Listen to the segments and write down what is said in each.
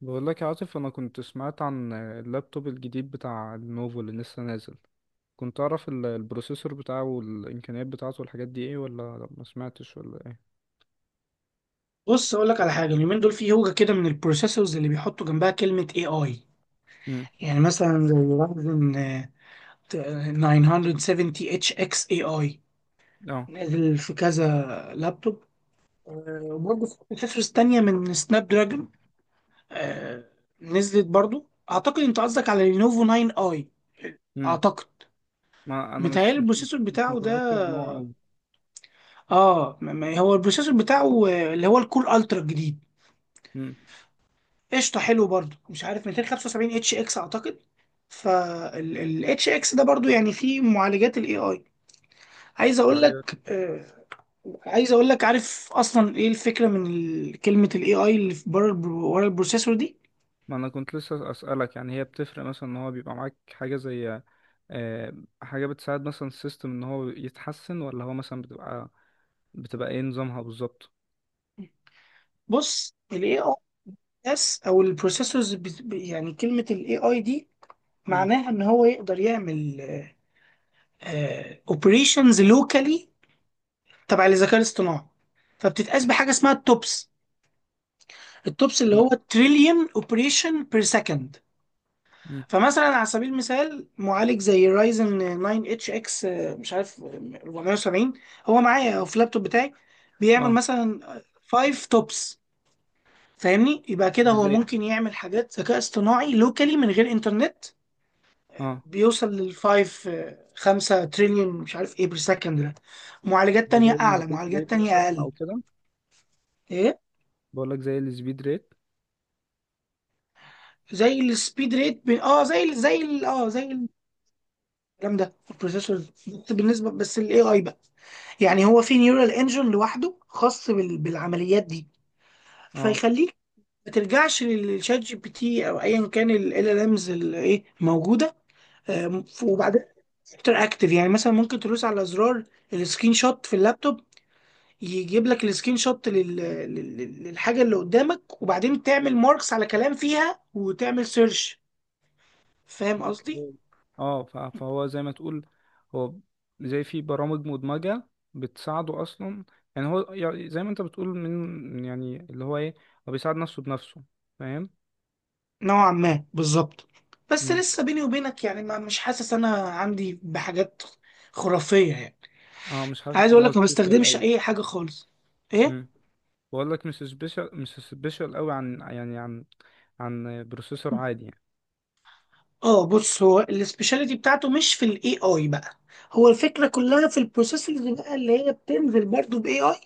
بقول لك يا عاطف، انا كنت سمعت عن اللابتوب الجديد بتاع لينوفو اللي لسه نازل. كنت اعرف البروسيسور بتاعه والامكانيات بتاعته والحاجات دي ايه، ولا ما سمعتش ولا ايه؟ بص اقول لك على حاجه اليومين دول في هوجه كده من البروسيسورز اللي بيحطوا جنبها كلمه اي اي. امم. يعني مثلا زي رايزن 970 اتش اكس اي اي اه. نازل في كذا لابتوب. وبرضه في بروسيسورز تانية من سناب دراجون آه، نزلت برضه. اعتقد انت قصدك على لينوفو 9 اي، امم. اعتقد ما انا متهيألي البروسيسور مش بتاعه ده. متذكر نوع قوي. هو البروسيسور بتاعه اللي هو الكول الترا الجديد، امم. قشطه، حلو برضو. مش عارف، 275 اتش اكس اعتقد. فالاتش اكس ده برضو يعني فيه معالجات الاي اي. عايز اقول طيب. لك، عايز اقول لك، عارف اصلا ايه الفكره من كلمه الاي اي اللي في بره ورا البروسيسور دي؟ ما انا كنت لسه اسالك، يعني هي بتفرق مثلا ان هو بيبقى معاك حاجه زي آه، حاجه بتساعد مثلا السيستم ان هو يتحسن، ولا هو مثلا بتبقى ايه نظامها بالظبط؟ بص، الاي اي اس او البروسيسورز يعني كلمه الاي اي دي امم. معناها ان هو يقدر يعمل اوبريشنز لوكالي تبع الذكاء الاصطناعي. فبتتقاس بحاجه اسمها التوبس. التوبس اللي هو تمام. تريليون اوبريشن بير سكند. امم. فمثلا على سبيل المثال، معالج زي رايزن 9 اتش اكس مش عارف 470، هو معايا أو في اللابتوب بتاعي، بيعمل اه. مثلا 5 توبس. فاهمني؟ يبقى كده دي هو زي ممكن يعمل حاجات ذكاء اصطناعي لوكالي من غير انترنت. اه بيوصل للفايف، 5 تريليون مش عارف ايه بير سكند ده. معالجات ده تانية زي اعلى، السبيد ريت معالجات تانية مثلا اقل. او كده. ايه بقول لك زي السبيد ريت. زي السبيد ريت، ب... اه زي ال- زي ال- اه زي جامده البروسيسور. بس بالنسبه، بس الاي اي بقى، يعني هو في نيورال انجن لوحده خاص بالعمليات دي. اه. فيخليك ما ترجعش للشات جي بي تي او ايا كان ال امز اللي ايه موجوده. وبعدين اكتر يعني مثلا ممكن تدوس على زرار السكرين شوت في اللابتوب. يجيب لك السكرين شوت للحاجه اللي قدامك، وبعدين تعمل ماركس على كلام فيها وتعمل سيرش. فاهم قصدي؟ اوكي. اه. فهو زي ما تقول، هو زي في برامج مدمجة بتساعده اصلا، يعني هو زي ما انت بتقول من يعني اللي هو ايه، هو بيساعد نفسه بنفسه، فاهم؟ نوعا ما بالظبط، بس مم. لسه بيني وبينك يعني، ما مش حاسس انا عندي بحاجات خرافية يعني. اه، مش حاسس عايز ان اقول هو لك، ما سبيشال بستخدمش قوي. اي حاجة خالص. ايه. امم. بقول لك مش سبيشال قوي، عن يعني عن بروسيسور عادي يعني. اه، بص، هو السبيشاليتي بتاعته مش في الاي اي بقى. هو الفكرة كلها في البروسيسورز بقى اللي هي بتنزل برضو باي اي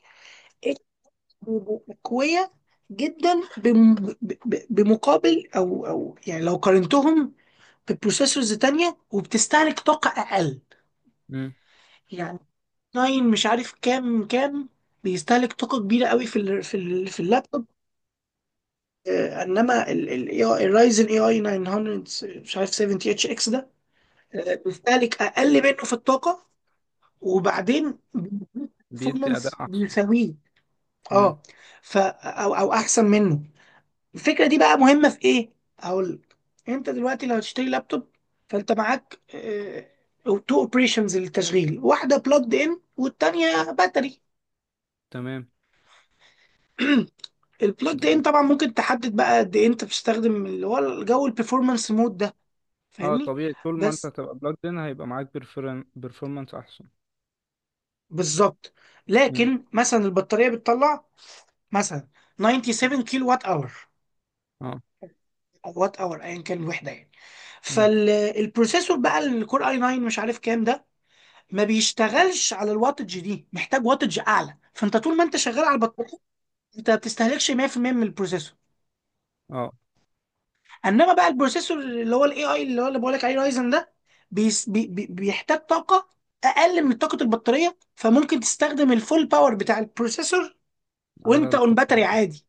قوية جدا، بمقابل او يعني لو قارنتهم ببروسيسورز تانية، وبتستهلك طاقة اقل. امم. يعني 9 مش عارف كام، كام بيستهلك طاقة كبيرة قوي في اللابتوب، انما الرايزن اي اي 900 مش عارف 70 اتش اكس ده، بيستهلك اقل منه في الطاقة. وبعدين بيدي performance اداء احسن. بيساويه، امم. اه، او احسن منه. الفكرة دي بقى مهمة في ايه، هقول لك. انت دلوقتي لو هتشتري لابتوب، فانت معاك تو اوبريشنز للتشغيل، واحدة بلجد ان والتانية باتري. تمام. البلوت ان طبعا ممكن تحدد بقى قد ايه انت بتستخدم اللي هو الجو البرفورمانس مود ده. اه فاهمني؟ طبيعي، طول ما انت بس هتبقى بلوجد ان، هيبقى معاك بيرفورمانس احسن. بالظبط. مم. لكن مثلا البطاريه بتطلع مثلا 97 كيلو وات اور، اه. او وات اور ايا كان الوحده يعني. مم. فالبروسيسور بقى الكور اي 9 مش عارف كام ده، ما بيشتغلش على الواتج دي، محتاج واتج اعلى. فانت طول ما انت شغال على البطاريه، انت ما بتستهلكش 100% من البروسيسور. اه، انما بقى البروسيسور اللي هو الاي اي، اللي هو اللي بقول لك عليه رايزن ده، بيس بي بي بيحتاج طاقه اقل من طاقه البطاريه، فممكن تستخدم الفول باور بتاع البروسيسور على وانت اون باتري البطارية. عادي.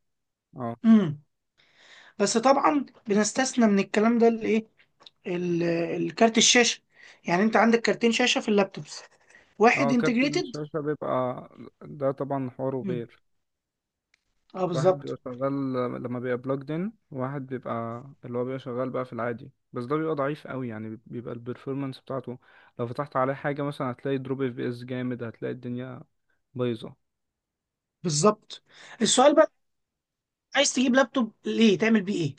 اه. امم. بس طبعا بنستثنى من الكلام ده الايه، ال- الكارت الشاشه. يعني انت عندك كارتين شاشه في اللابتوبس، واحد اه، كارت انتجريتد. الشاشة بيبقى، ده طبعا حواره امم، غير. اه واحد بيبقى بالظبط. شغال، لما بيبقى بلوجد ان، واحد بيبقى اللي هو بيبقى شغال بقى في العادي، بس ده بيبقى ضعيف قوي يعني، بيبقى البرفورمانس بتاعته لو فتحت عليه حاجة مثلا، هتلاقي دروب اف بي اس جامد، هتلاقي الدنيا بايظة. بالظبط، السؤال بقى، عايز تجيب لابتوب ليه، تعمل بيه ايه؟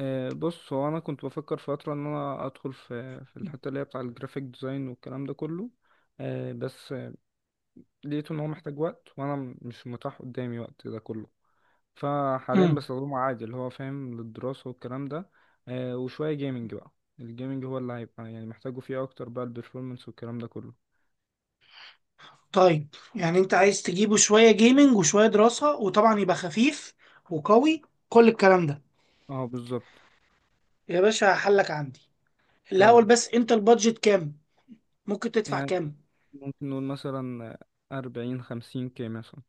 بص، هو انا كنت بفكر فتره ان انا ادخل في الحته اللي هي بتاع الجرافيك ديزاين والكلام ده كله، آه، بس آه، لقيت ان هو محتاج وقت، وانا مش متاح قدامي وقت ده كله. فحاليا امم. بستخدمه عادي اللي هو فاهم للدراسه والكلام ده، وشويه جيمنج بقى. الجيمنج هو اللي هيبقى يعني محتاجه فيه اكتر بقى، البرفورمانس والكلام ده كله. طيب يعني انت عايز تجيبه شوية جيمنج وشوية دراسة، وطبعا يبقى خفيف وقوي، كل الكلام ده. اه بالظبط. يا باشا حلك عندي. قول الأول لي. بس، انت البادجت كام؟ ممكن تدفع يعني كام؟ ممكن نقول مثلا 40-50K مثلا.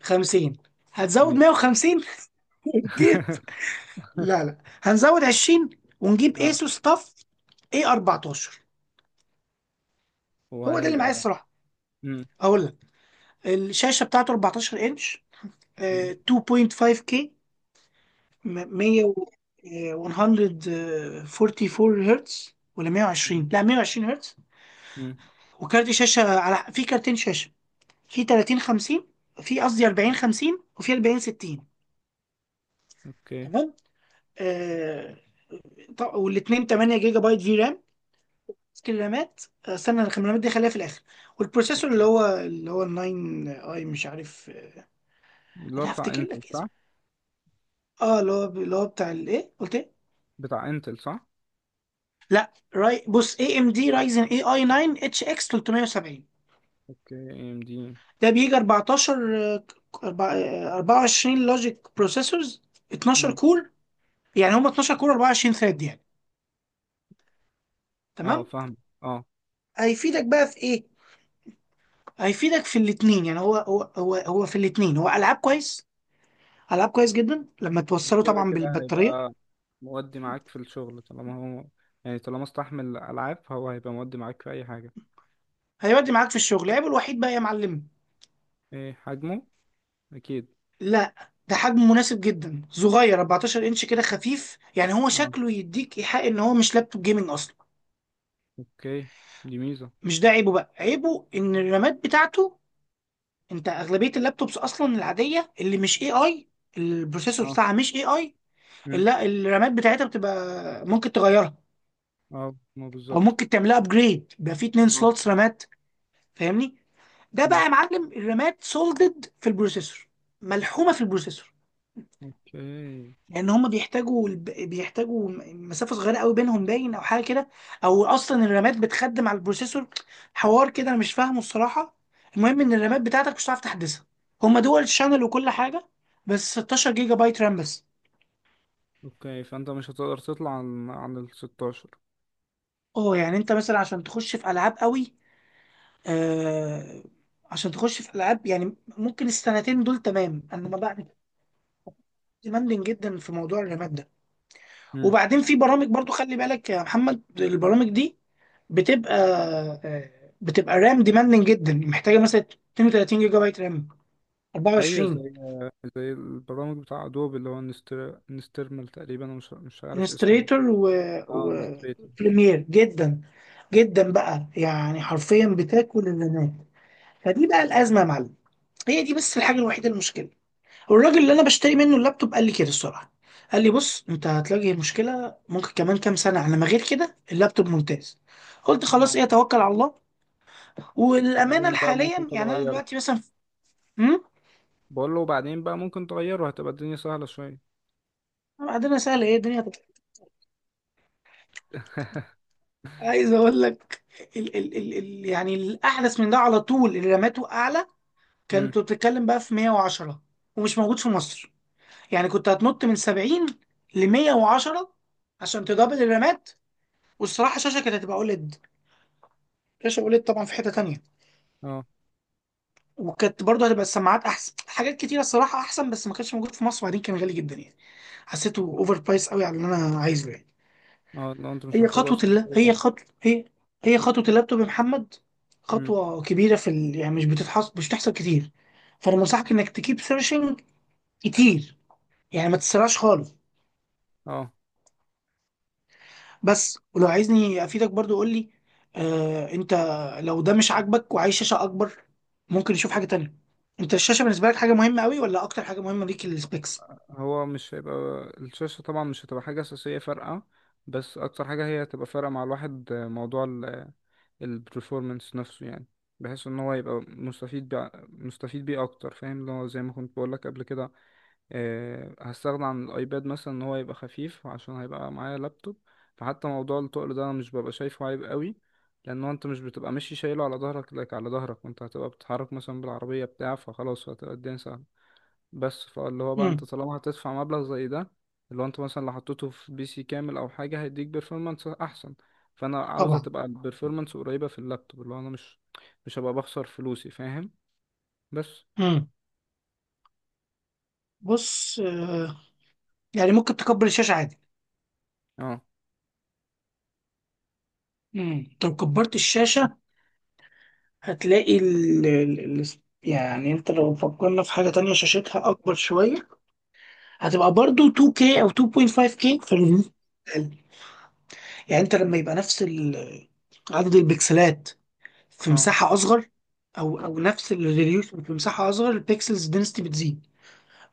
خمسين؟ هتزود 100. مية وخمسين. ونجيب... لا، لا، هنزود عشرين ونجيب اه. ايسوس طف اي 14. هو ده اللي معايا وهيبقى. الصراحة. مم. اقول لك، الشاشة بتاعته 14 انش، مم. 2.5K، م- 100 و- آه، 144 هرتز، ولا 120، لا، 120 هرتز. مم. وكارت شاشه، في كارتين شاشه، في 30 50، في قصدي 40 50، وفي 40 60. اوكي. تمام. آه طب والاثنين 8 جيجا بايت في رام، الرامات. استنى، الرامات دي خليها في الاخر. والبروسيسور اللي هو ال 9 اي مش عارف، اللي هو انا بتاع هفتكر انتل لك صح؟ اسمه. اه، اللي هو بتاع الايه، قلت ايه؟ بتاع انتل صح؟ لا، بص، اي ام دي رايزن اي اي 9 اتش اكس 370. اوكي، اي ام دي. ده بيجي 14، 24 لوجيك بروسيسورز، 12 امم. كور. يعني هم 12 كور 24 ثريد يعني. اه تمام. فاهم. اه. هيفيدك بقى في ايه، هيفيدك في الاثنين. يعني هو في الاثنين، هو العاب كويس، العاب كويس جدا لما توصله كده طبعا كده بالبطاريه. هيبقى مودي معاك في الشغل طالما هو، يعني طالما استحمل العاب، هو هيبقى مودي معاك في اي حاجه. هيودي معاك في الشغل. عيبه الوحيد بقى يا معلم؟ ايه حجمه؟ اكيد. لا، ده حجم مناسب جدا، صغير 14 انش، كده خفيف. يعني هو اه. شكله يديك ايحاء ان هو مش لابتوب جيمنج اصلا. اوكي. دي ميزه. مش ده عيبه بقى. عيبه ان الرامات بتاعته، انت اغلبيه اللابتوبس اصلا العاديه اللي مش اي اي، البروسيسور اه. بتاعها مش اي اي، مم. لا، الرامات بتاعتها بتبقى ممكن تغيرها اه، ما او بالظبط. ممكن تعملها ابجريد بقى، فيه اتنين اه. سلوتس رامات، فاهمني؟ ده بقى مم. يا معلم الرامات سولدد في البروسيسور، ملحومه في البروسيسور، اوكي. لان هم بيحتاجوا بيحتاجوا مسافه صغيره قوي بينهم باين، او حاجه كده. او اصلا الرامات بتخدم على البروسيسور، حوار كده انا مش فاهمه الصراحه. المهم ان الرامات بتاعتك مش هتعرف تحدثها، هم دول شانل وكل حاجه، بس 16 جيجا بايت رام بس. اوكي، فانت مش هتقدر تطلع عن ال 16. اه، يعني انت مثلا عشان تخش في العاب قوي آه عشان تخش في العاب، يعني ممكن السنتين دول تمام، انما بعد ديماندنج جدا في موضوع الرامات ده. وبعدين في برامج برضو، خلي بالك يا محمد، البرامج دي بتبقى، بتبقى رام ديماندنج جدا، محتاجه مثلا 32 جيجا بايت رام، ايوه 24. زي، زي البرامج بتاع ادوب اللي هو نسترمل تقريبا، أنا مش مش عارف اسمه. انستريتور و... اه و... نستريتور. بريمير، جدا جدا بقى، يعني حرفيا بتاكل الرامات. فدي بقى الازمه يا معلم، هي دي بس الحاجه الوحيده المشكله. والراجل اللي انا بشتري منه اللابتوب قال لي كده الصراحه، قال لي بص انت هتواجه مشكله ممكن كمان كام سنه، على ما غير كده اللابتوب ممتاز. قلت خلاص، اه. ايه، توكل على الله. والامانه بعدين بقى ممكن حاليا يعني انا تغيره. دلوقتي مثلا مم؟ بقول له بعدين بقى ممكن تغيره، هتبقى الدنيا سهلة شوية. بعدين سهل ايه الدنيا. عايز اقول لك، ال ال ال ال يعني الاحدث من ده على طول اللي رماته اعلى امم. كانت بتتكلم بقى في 110، ومش موجود في مصر. يعني كنت هتنط من 70 ل 110 عشان تدبل الرمات، والصراحه الشاشه كانت هتبقى اوليد. شاشه اوليد طبعا في حته تانية، اه. وكانت برضه هتبقى السماعات احسن، حاجات كتيره الصراحه احسن، بس ما كانش موجود في مصر، وبعدين كان غالي جدا يعني، حسيته اوفر برايس قوي على اللي انا عايزه يعني. اه لو انت مش هي محتاج خطوة اصلا اللاب البرنامج هي ده. خطوة هي هي خطوة اللابتوب يا محمد، امم. خطوة كبيرة يعني مش بتحصل كتير. فأنا بنصحك إنك تكيب سيرشنج كتير، يعني ما تسرعش خالص. اه. بس ولو عايزني أفيدك برضو قول لي. أنت لو ده مش عاجبك وعايز شاشة أكبر، ممكن نشوف حاجة تانية. أنت الشاشة بالنسبة لك حاجة مهمة أوي، ولا أكتر حاجة مهمة ليك السبيكس؟ هو مش هيبقى، الشاشة طبعا مش هتبقى حاجة أساسية فارقة، بس أكتر حاجة هي هتبقى فارقة مع الواحد موضوع البرفورمانس نفسه يعني، بحيث ان هو يبقى مستفيد بيه اكتر، فاهم اللي هو زي ما كنت بقول لك قبل كده. هستغنى عن الايباد مثلا، ان هو يبقى خفيف عشان هيبقى معايا لابتوب. فحتى موضوع التقل ده انا مش ببقى شايفه عيب قوي، لان هو انت مش بتبقى ماشي شايله على ظهرك لك على ظهرك، وانت هتبقى بتتحرك مثلا بالعربيه بتاع، فخلاص هتبقى الدنيا سهله. بس فاللي هو بقى، انت امم. طالما هتدفع مبلغ زي ده، اللي هو انت مثلا لو حطيته في بي سي كامل او حاجه هيديك بيرفورمانس احسن. فانا عاوزه طبعا. تبقى البيرفورمانس قريبه في اللابتوب، اللي هو انا مش هبقى بخسر فلوسي، فاهم؟ بس. امم. بص، يعني ممكن تكبر الشاشة عادي. اه. لو كبرت الشاشة، هتلاقي ال... ال... ال... يعني انت لو فكرنا في حاجة تانية شاشتها أكبر شوية، هتبقى برضو 2K أو 2.5K يعني انت لما يبقى نفس عدد البكسلات في اه. مساحة أصغر، أو نفس الريزوليوشن في مساحة أصغر، البكسلز دنسيتي بتزيد،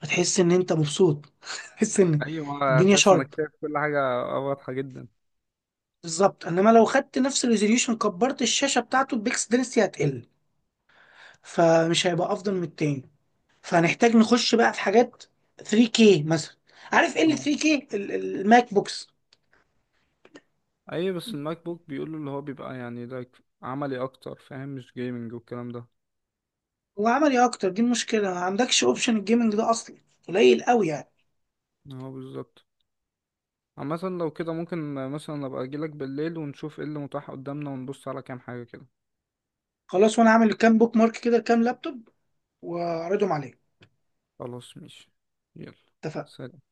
فتحس إن أنت مبسوط. تحس إن ايوه، الدنيا تحس انك شارب، شايف كل حاجه واضحه جدا. بالظبط. إنما لو خدت نفس الريزوليوشن كبرت الشاشة بتاعته، البكسل دنسيتي هتقل، فمش هيبقى أفضل من التاني. فهنحتاج نخش بقى في حاجات 3K مثلا. عارف ايه اه. اللي 3K الماك بوكس؟ ايوه بس الماك بوك بيقولوا اللي هو بيبقى يعني ده عملي اكتر فاهم، مش جيمنج والكلام ده. هو عملي اكتر، دي المشكله، ما عندكش اوبشن الجيمنج ده اصلا، قليل قوي يعني. اه بالظبط. عامة لو كده، ممكن مثلا ابقى اجيلك بالليل ونشوف ايه اللي متاح قدامنا، ونبص على كام حاجة كده. خلاص، وانا عامل كام بوك مارك كده، كام لابتوب، واعرضهم عليك. خلاص ماشي. يلا. اتفقنا. سلام.